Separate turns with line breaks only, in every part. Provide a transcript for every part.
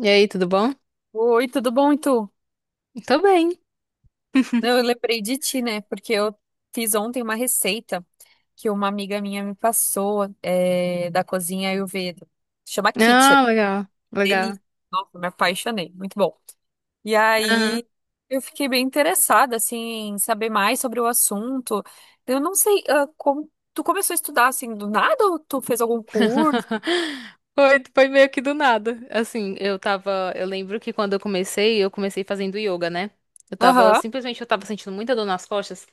E aí, tudo bom?
Oi, tudo bom, e tu?
Tô bem.
Não, eu lembrei de ti, né? Porque eu fiz ontem uma receita que uma amiga minha me passou, é, da cozinha Ayurveda. Chama Kitchen.
Ah, legal, legal.
Delícia. Nossa, me apaixonei. Muito bom. E
Aham.
aí eu fiquei bem interessada, assim, em saber mais sobre o assunto. Eu não sei, ah, Tu começou a estudar, assim, do nada ou tu fez algum curso?
Foi meio que do nada. Assim, eu tava. Eu lembro que quando eu comecei fazendo yoga, né? Eu tava,
Aham.
simplesmente eu tava sentindo muita dor nas costas.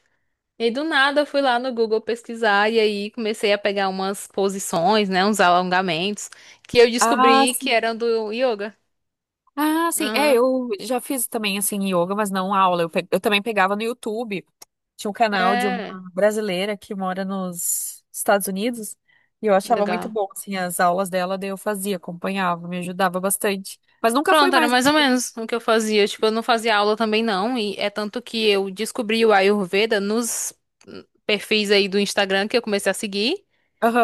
E aí, do nada eu fui lá no Google pesquisar e aí comecei a pegar umas posições, né? Uns alongamentos que eu
Ah,
descobri que
sim.
eram do yoga.
Ah, sim. É,
Aham.
eu já fiz também, assim, yoga, mas não aula. Eu também pegava no YouTube. Tinha um canal de uma
É,
brasileira que mora nos Estados Unidos e eu achava muito
legal.
bom, assim, as aulas dela, daí eu fazia, acompanhava, me ajudava bastante. Mas nunca fui
Pronto, era
mais.
mais ou menos o que eu fazia. Tipo, eu não fazia aula também não, e é tanto que eu descobri o Ayurveda nos perfis aí do Instagram que eu comecei a seguir,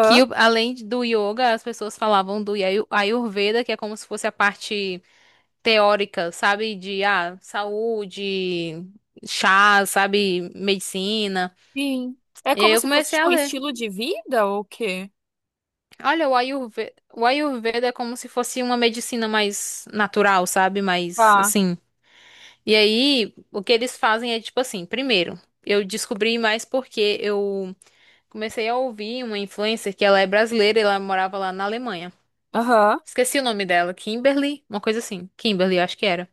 além do yoga, as pessoas falavam do Ayurveda, que é como se fosse a parte teórica, sabe, de saúde, chá, sabe, medicina.
sim. É
E aí
como
eu
se fosse,
comecei a
tipo, um
ler.
estilo de vida ou o quê?
Olha, o Ayurveda é como se fosse uma medicina mais natural, sabe? Mais
Tá.
assim. E aí, o que eles fazem é tipo assim, primeiro, eu descobri mais porque eu comecei a ouvir uma influencer que ela é brasileira e ela morava lá na Alemanha.
Aham,
Esqueci o nome dela, Kimberly, uma coisa assim, Kimberly, eu acho que era.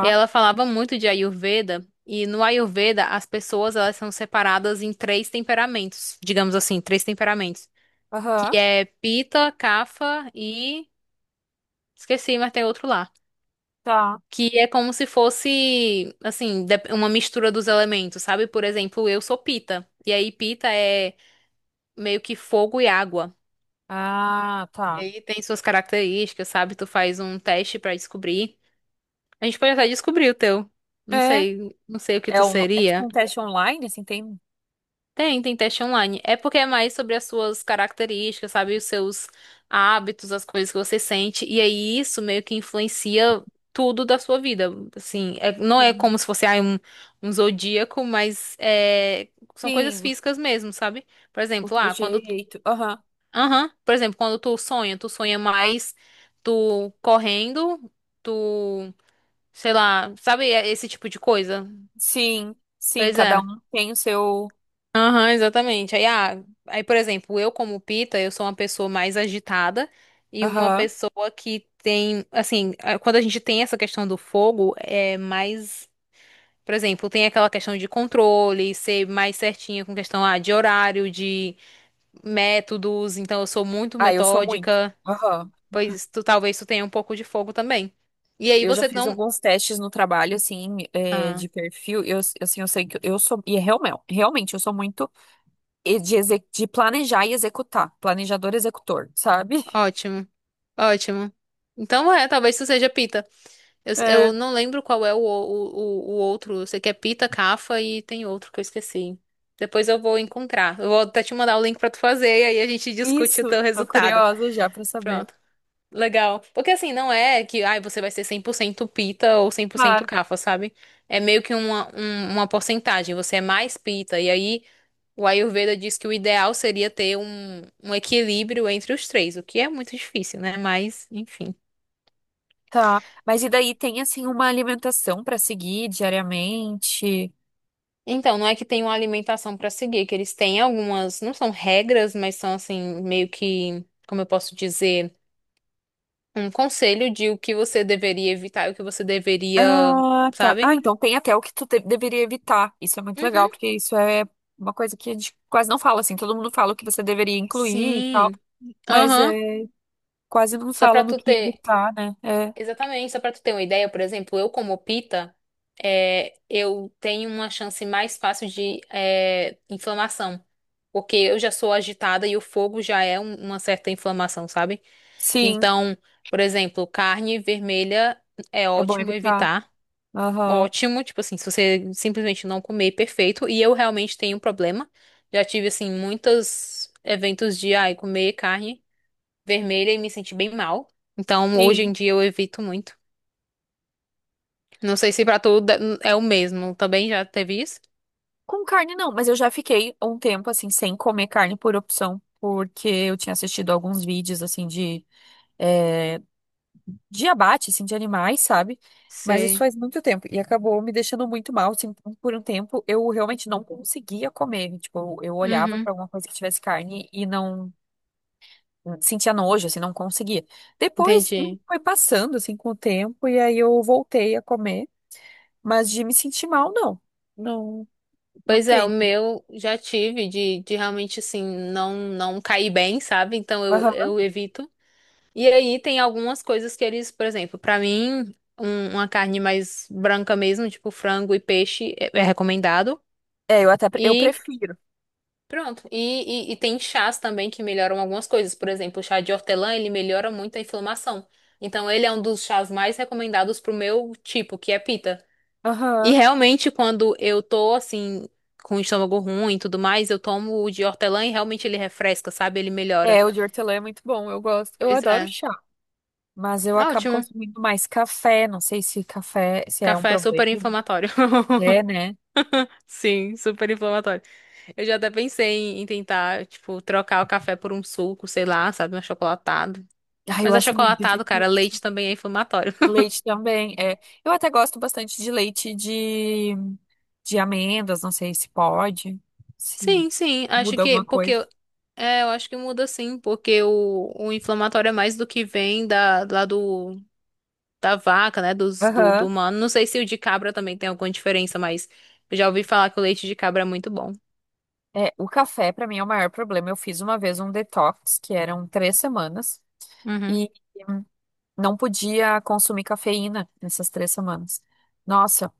E ela falava muito de Ayurveda, e no Ayurveda as pessoas elas são separadas em três temperamentos, digamos assim, três temperamentos,
Aham,
que é pita, Kapha e esqueci, mas tem outro lá.
tá.
Que é como se fosse, assim, uma mistura dos elementos, sabe? Por exemplo, eu sou pita. E aí, pita é meio que fogo e água.
Ah,
E
tá.
aí tem suas características, sabe? Tu faz um teste pra descobrir. A gente pode até descobrir o teu. Não
É.
sei, não sei o que
É,
tu
um, é tipo
seria.
um teste online, assim, tem.
Tem teste online. É porque é mais sobre as suas características, sabe? Os seus hábitos, as coisas que você sente. E aí isso meio que influencia tudo da sua vida. Assim, não é
Entendi.
como se fosse um zodíaco, mas é, são coisas
Sim,
físicas mesmo, sabe? Por
o
exemplo,
teu jeito. Aham.
Aham. Por exemplo, quando tu sonha mais tu correndo, tu. Sei lá, sabe é esse tipo de coisa?
Sim, sim,
Pois
cada
é.
um tem o seu.
Aham, exatamente. Aí, por exemplo, eu como Pita, eu sou uma pessoa mais agitada e uma
Aham.
pessoa que tem, assim, quando a gente tem essa questão do fogo, é mais, por exemplo, tem aquela questão de controle, ser mais certinha com questão, de horário, de métodos, então eu sou muito
Ah, eu sou muito.
metódica,
Aham.
talvez tu tenha um pouco de fogo também. E aí
Eu já
você
fiz
não.
alguns testes no trabalho, assim, é,
Ah,
de perfil. Eu, assim, eu sei que eu sou. E é realmente, realmente, eu sou muito e de planejar e executar. Planejador, executor, sabe?
ótimo, ótimo. Então é, talvez tu seja Pita. Eu
É,
não lembro qual é o outro. Eu sei que é Pita, Cafa e tem outro que eu esqueci. Depois eu vou encontrar. Eu vou até te mandar o link pra tu fazer e aí a gente discute o
isso.
teu
Tô
resultado.
curiosa já pra saber.
Pronto. Legal. Porque assim, não é que ai, você vai ser 100% Pita ou 100%
Claro.
Cafa, sabe? É meio que uma porcentagem. Você é mais Pita. E aí o Ayurveda diz que o ideal seria ter um equilíbrio entre os três, o que é muito difícil, né? Mas, enfim.
Tá. Mas e daí tem, assim, uma alimentação pra seguir diariamente?
Então, não é que tem uma alimentação para seguir, que eles têm algumas, não são regras, mas são assim, meio que, como eu posso dizer, um conselho de o que você deveria evitar e o que você deveria,
Ah, tá. Ah,
sabe?
então tem até o que tu deveria evitar. Isso é muito
Uhum.
legal, porque isso é uma coisa que a gente quase não fala, assim, todo mundo fala o que você deveria incluir e tal.
Sim.
Mas
Aham.
é, quase não
Só
fala
pra
no
tu
que
ter,
evitar, né? É,
exatamente, só pra tu ter uma ideia, por exemplo, eu como pita, é, eu tenho uma chance mais fácil de é, inflamação, porque eu já sou agitada e o fogo já é uma certa inflamação, sabe?
sim,
Então, por exemplo, carne vermelha é
é bom
ótimo
evitar.
evitar.
Aham,
Ótimo, tipo assim, se você simplesmente não comer, perfeito. E eu realmente tenho um problema. Já tive, assim, muitos eventos de, ai, comer carne vermelha e me senti bem mal. Então, hoje em
sim.
dia eu evito muito. Não sei se pra tu é o mesmo. Também já teve isso?
Com carne não, mas eu já fiquei um tempo assim sem comer carne por opção, porque eu tinha assistido alguns vídeos assim de é, de abate assim de animais, sabe? Mas isso
Sei.
faz muito tempo e acabou me deixando muito mal, assim, então, por um tempo eu realmente não conseguia comer, tipo, eu olhava
Uhum,
para alguma coisa que tivesse carne e não sentia nojo, assim, não conseguia. Depois
entendi.
foi passando, assim, com o tempo, e aí eu voltei a comer, mas de me sentir mal, não. Não, não
Pois é, o
tem.
meu já tive de realmente, assim, não cair bem, sabe? Então, eu,
Aham.
eu evito. E aí tem algumas coisas que eles, por exemplo, pra mim, uma carne mais branca mesmo, tipo frango e peixe, é recomendado.
É, eu até, pre- eu
E
prefiro.
pronto. E tem chás também que melhoram algumas coisas. Por exemplo, o chá de hortelã, ele melhora muito a inflamação. Então, ele é um dos chás mais recomendados pro meu tipo, que é pita. E
Aham.
realmente, quando eu tô assim, com o estômago ruim e tudo mais, eu tomo o de hortelã e realmente ele refresca, sabe? Ele melhora.
É, o de hortelã é muito bom, eu gosto. Eu
Pois
adoro
é.
chá, mas eu acabo
Ótimo.
consumindo mais café, não sei se café, se é um
Café é super
problema.
inflamatório.
É, né?
Sim, super inflamatório. Eu já até pensei em tentar, tipo, trocar o café por um suco, sei lá, sabe, um achocolatado.
Ah, eu
Mas
acho muito
achocolatado, cara,
difícil.
leite também é inflamatório.
Leite também, é. Eu até gosto bastante de leite de amêndoas, não sei se pode. Sim,
Sim, sim, acho
muda
que,
alguma
porque,
coisa.
é, eu acho que muda sim, porque o inflamatório é mais do que vem da, lá do, da vaca, né, do
Aham.
humano. Não sei se o de cabra também tem alguma diferença, mas eu já ouvi falar que o leite de cabra é muito bom.
É, o café pra mim é o maior problema. Eu fiz uma vez um detox, que eram 3 semanas,
Uhum.
e não podia consumir cafeína nessas 3 semanas. Nossa,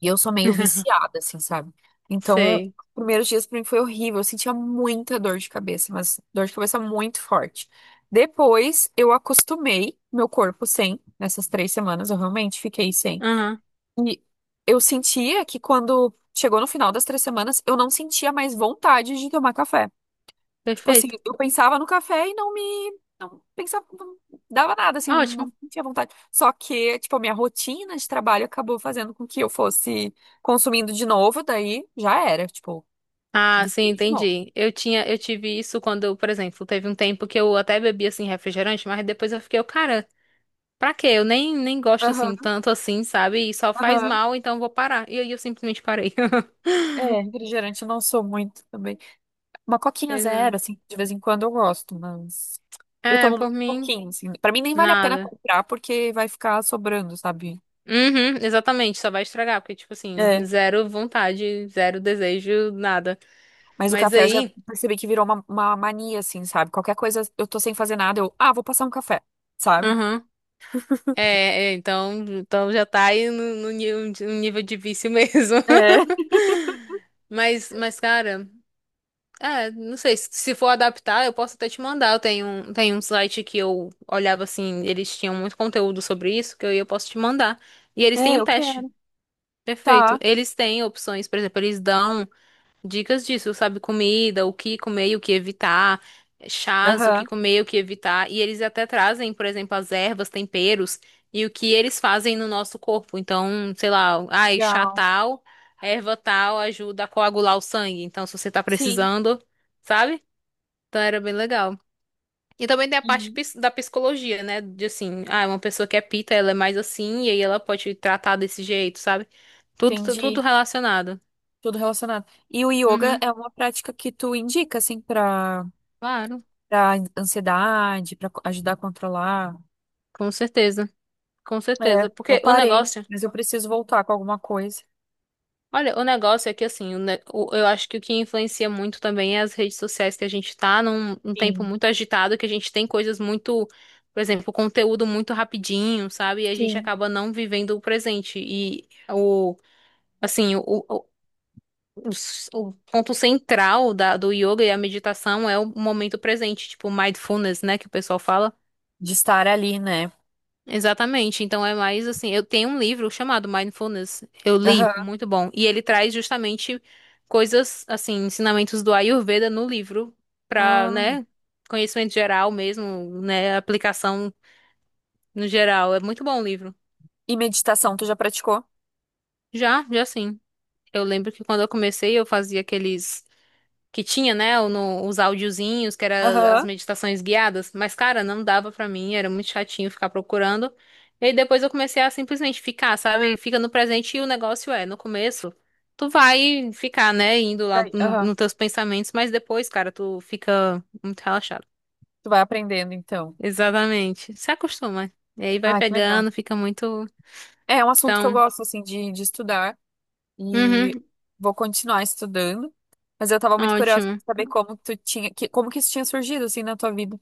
e eu sou meio viciada, assim, sabe? Então, os
Sei.
primeiros dias pra mim foi horrível. Eu sentia muita dor de cabeça, mas dor de cabeça muito forte. Depois, eu acostumei meu corpo sem, nessas 3 semanas, eu realmente fiquei sem.
Aham,
E eu sentia que quando chegou no final das 3 semanas, eu não sentia mais vontade de tomar café. Tipo assim,
perfeito.
eu pensava no café e não me. Não pensava, não dava nada, assim, eu
Ótimo.
não tinha vontade. Só que, tipo, a minha rotina de trabalho acabou fazendo com que eu fosse consumindo de novo, daí já era, tipo,
Ah, sim,
viciei de novo.
entendi. Eu tive isso quando, por exemplo, teve um tempo que eu até bebi assim refrigerante, mas depois eu fiquei, cara, pra quê? Eu nem gosto assim
Aham,
tanto assim, sabe? E só faz
aham.
mal, então eu vou parar. E aí eu simplesmente parei.
É, refrigerante eu não sou muito também. Uma coquinha
Pois
zero, assim, de vez em quando eu gosto, mas eu
É,
tomo
por
muito
mim,
pouquinho, assim. Pra mim nem vale a pena
nada.
comprar porque vai ficar sobrando, sabe?
Uhum, exatamente, só vai estragar, porque tipo assim,
É,
zero vontade, zero desejo, nada.
mas o
Mas
café eu já
aí,
percebi que virou uma mania, assim, sabe? Qualquer coisa, eu tô sem fazer nada, eu, ah, vou passar um café, sabe?
É, então já tá aí no nível de vício mesmo.
É,
Mas, cara, é, não sei, se for adaptar, eu posso até te mandar. Tenho um site que eu olhava assim, eles tinham muito conteúdo sobre isso, que eu posso te mandar. E eles têm um
eu
teste.
quero.
Perfeito.
Tá.
Eles têm opções, por exemplo, eles dão dicas disso, sabe? Comida, o que comer e o que evitar, chás, o que
Aham.
comer e o que evitar. E eles até trazem, por exemplo, as ervas, temperos e o que eles fazem no nosso corpo. Então, sei lá, ai, chá
Legal.
tal, erva tal ajuda a coagular o sangue. Então, se você tá
Sim.
precisando, sabe? Então, era bem legal. E também tem a parte
Uhum.
da psicologia, né? De assim, uma pessoa que é pita, ela é mais assim, e aí ela pode tratar desse jeito, sabe? Tudo, tudo
Entendi.
relacionado.
Tudo relacionado. E o yoga
Uhum,
é uma prática que tu indica, assim, pra,
claro,
pra ansiedade, pra ajudar a controlar.
com certeza. Com
É,
certeza,
eu
porque o
parei,
negócio,
mas eu preciso voltar com alguma coisa.
olha, o negócio é que assim, eu acho que o que influencia muito também é as redes sociais que a gente tá num tempo
Sim,
muito agitado, que a gente tem coisas muito, por exemplo, conteúdo muito rapidinho, sabe? E a gente
sim.
acaba não vivendo o presente. E o, assim, o, o s- o ponto central do yoga e a meditação é o momento presente, tipo mindfulness, né, que o pessoal fala.
De estar ali, né?
Exatamente. Então é mais assim, eu tenho um livro chamado Mindfulness. Eu li,
Aham.
muito bom. E ele traz justamente coisas assim, ensinamentos do Ayurveda no livro para,
Ah,
né, conhecimento geral mesmo, né, aplicação no geral. É muito bom o livro.
e meditação, tu já praticou?
Já, já sim. Eu lembro que quando eu comecei, eu fazia aqueles que tinha, né, os áudiozinhos, que era as
Aham.
meditações guiadas, mas cara, não dava pra mim, era muito chatinho ficar procurando. E aí depois eu comecei a simplesmente ficar, sabe? Fica no presente e o negócio é, no começo tu vai ficar, né, indo lá
Vai- Aham.
nos teus pensamentos, mas depois, cara, tu fica muito relaxado.
Tu vai aprendendo, então.
Exatamente. Se acostuma. E aí vai
Ah, que legal.
pegando, fica muito.
É um assunto que eu
Então,
gosto, assim, de, estudar
uhum,
e vou continuar estudando. Mas eu tava muito curiosa
ótimo.
pra saber como que isso tinha surgido, assim, na tua vida.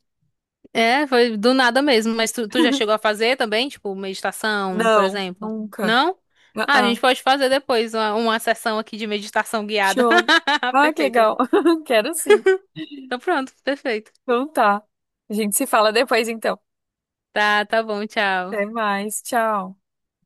É, foi do nada mesmo, mas tu já chegou a fazer também, tipo, meditação, por
Não,
exemplo?
nunca.
Não? Ah, a
Ah,
gente pode fazer depois uma sessão aqui de meditação guiada.
Show. Ah, que
Perfeito.
legal. Quero sim.
Então pronto, perfeito.
Então tá. A gente se fala depois, então.
Tá, tá bom, tchau.
Até mais, tchau.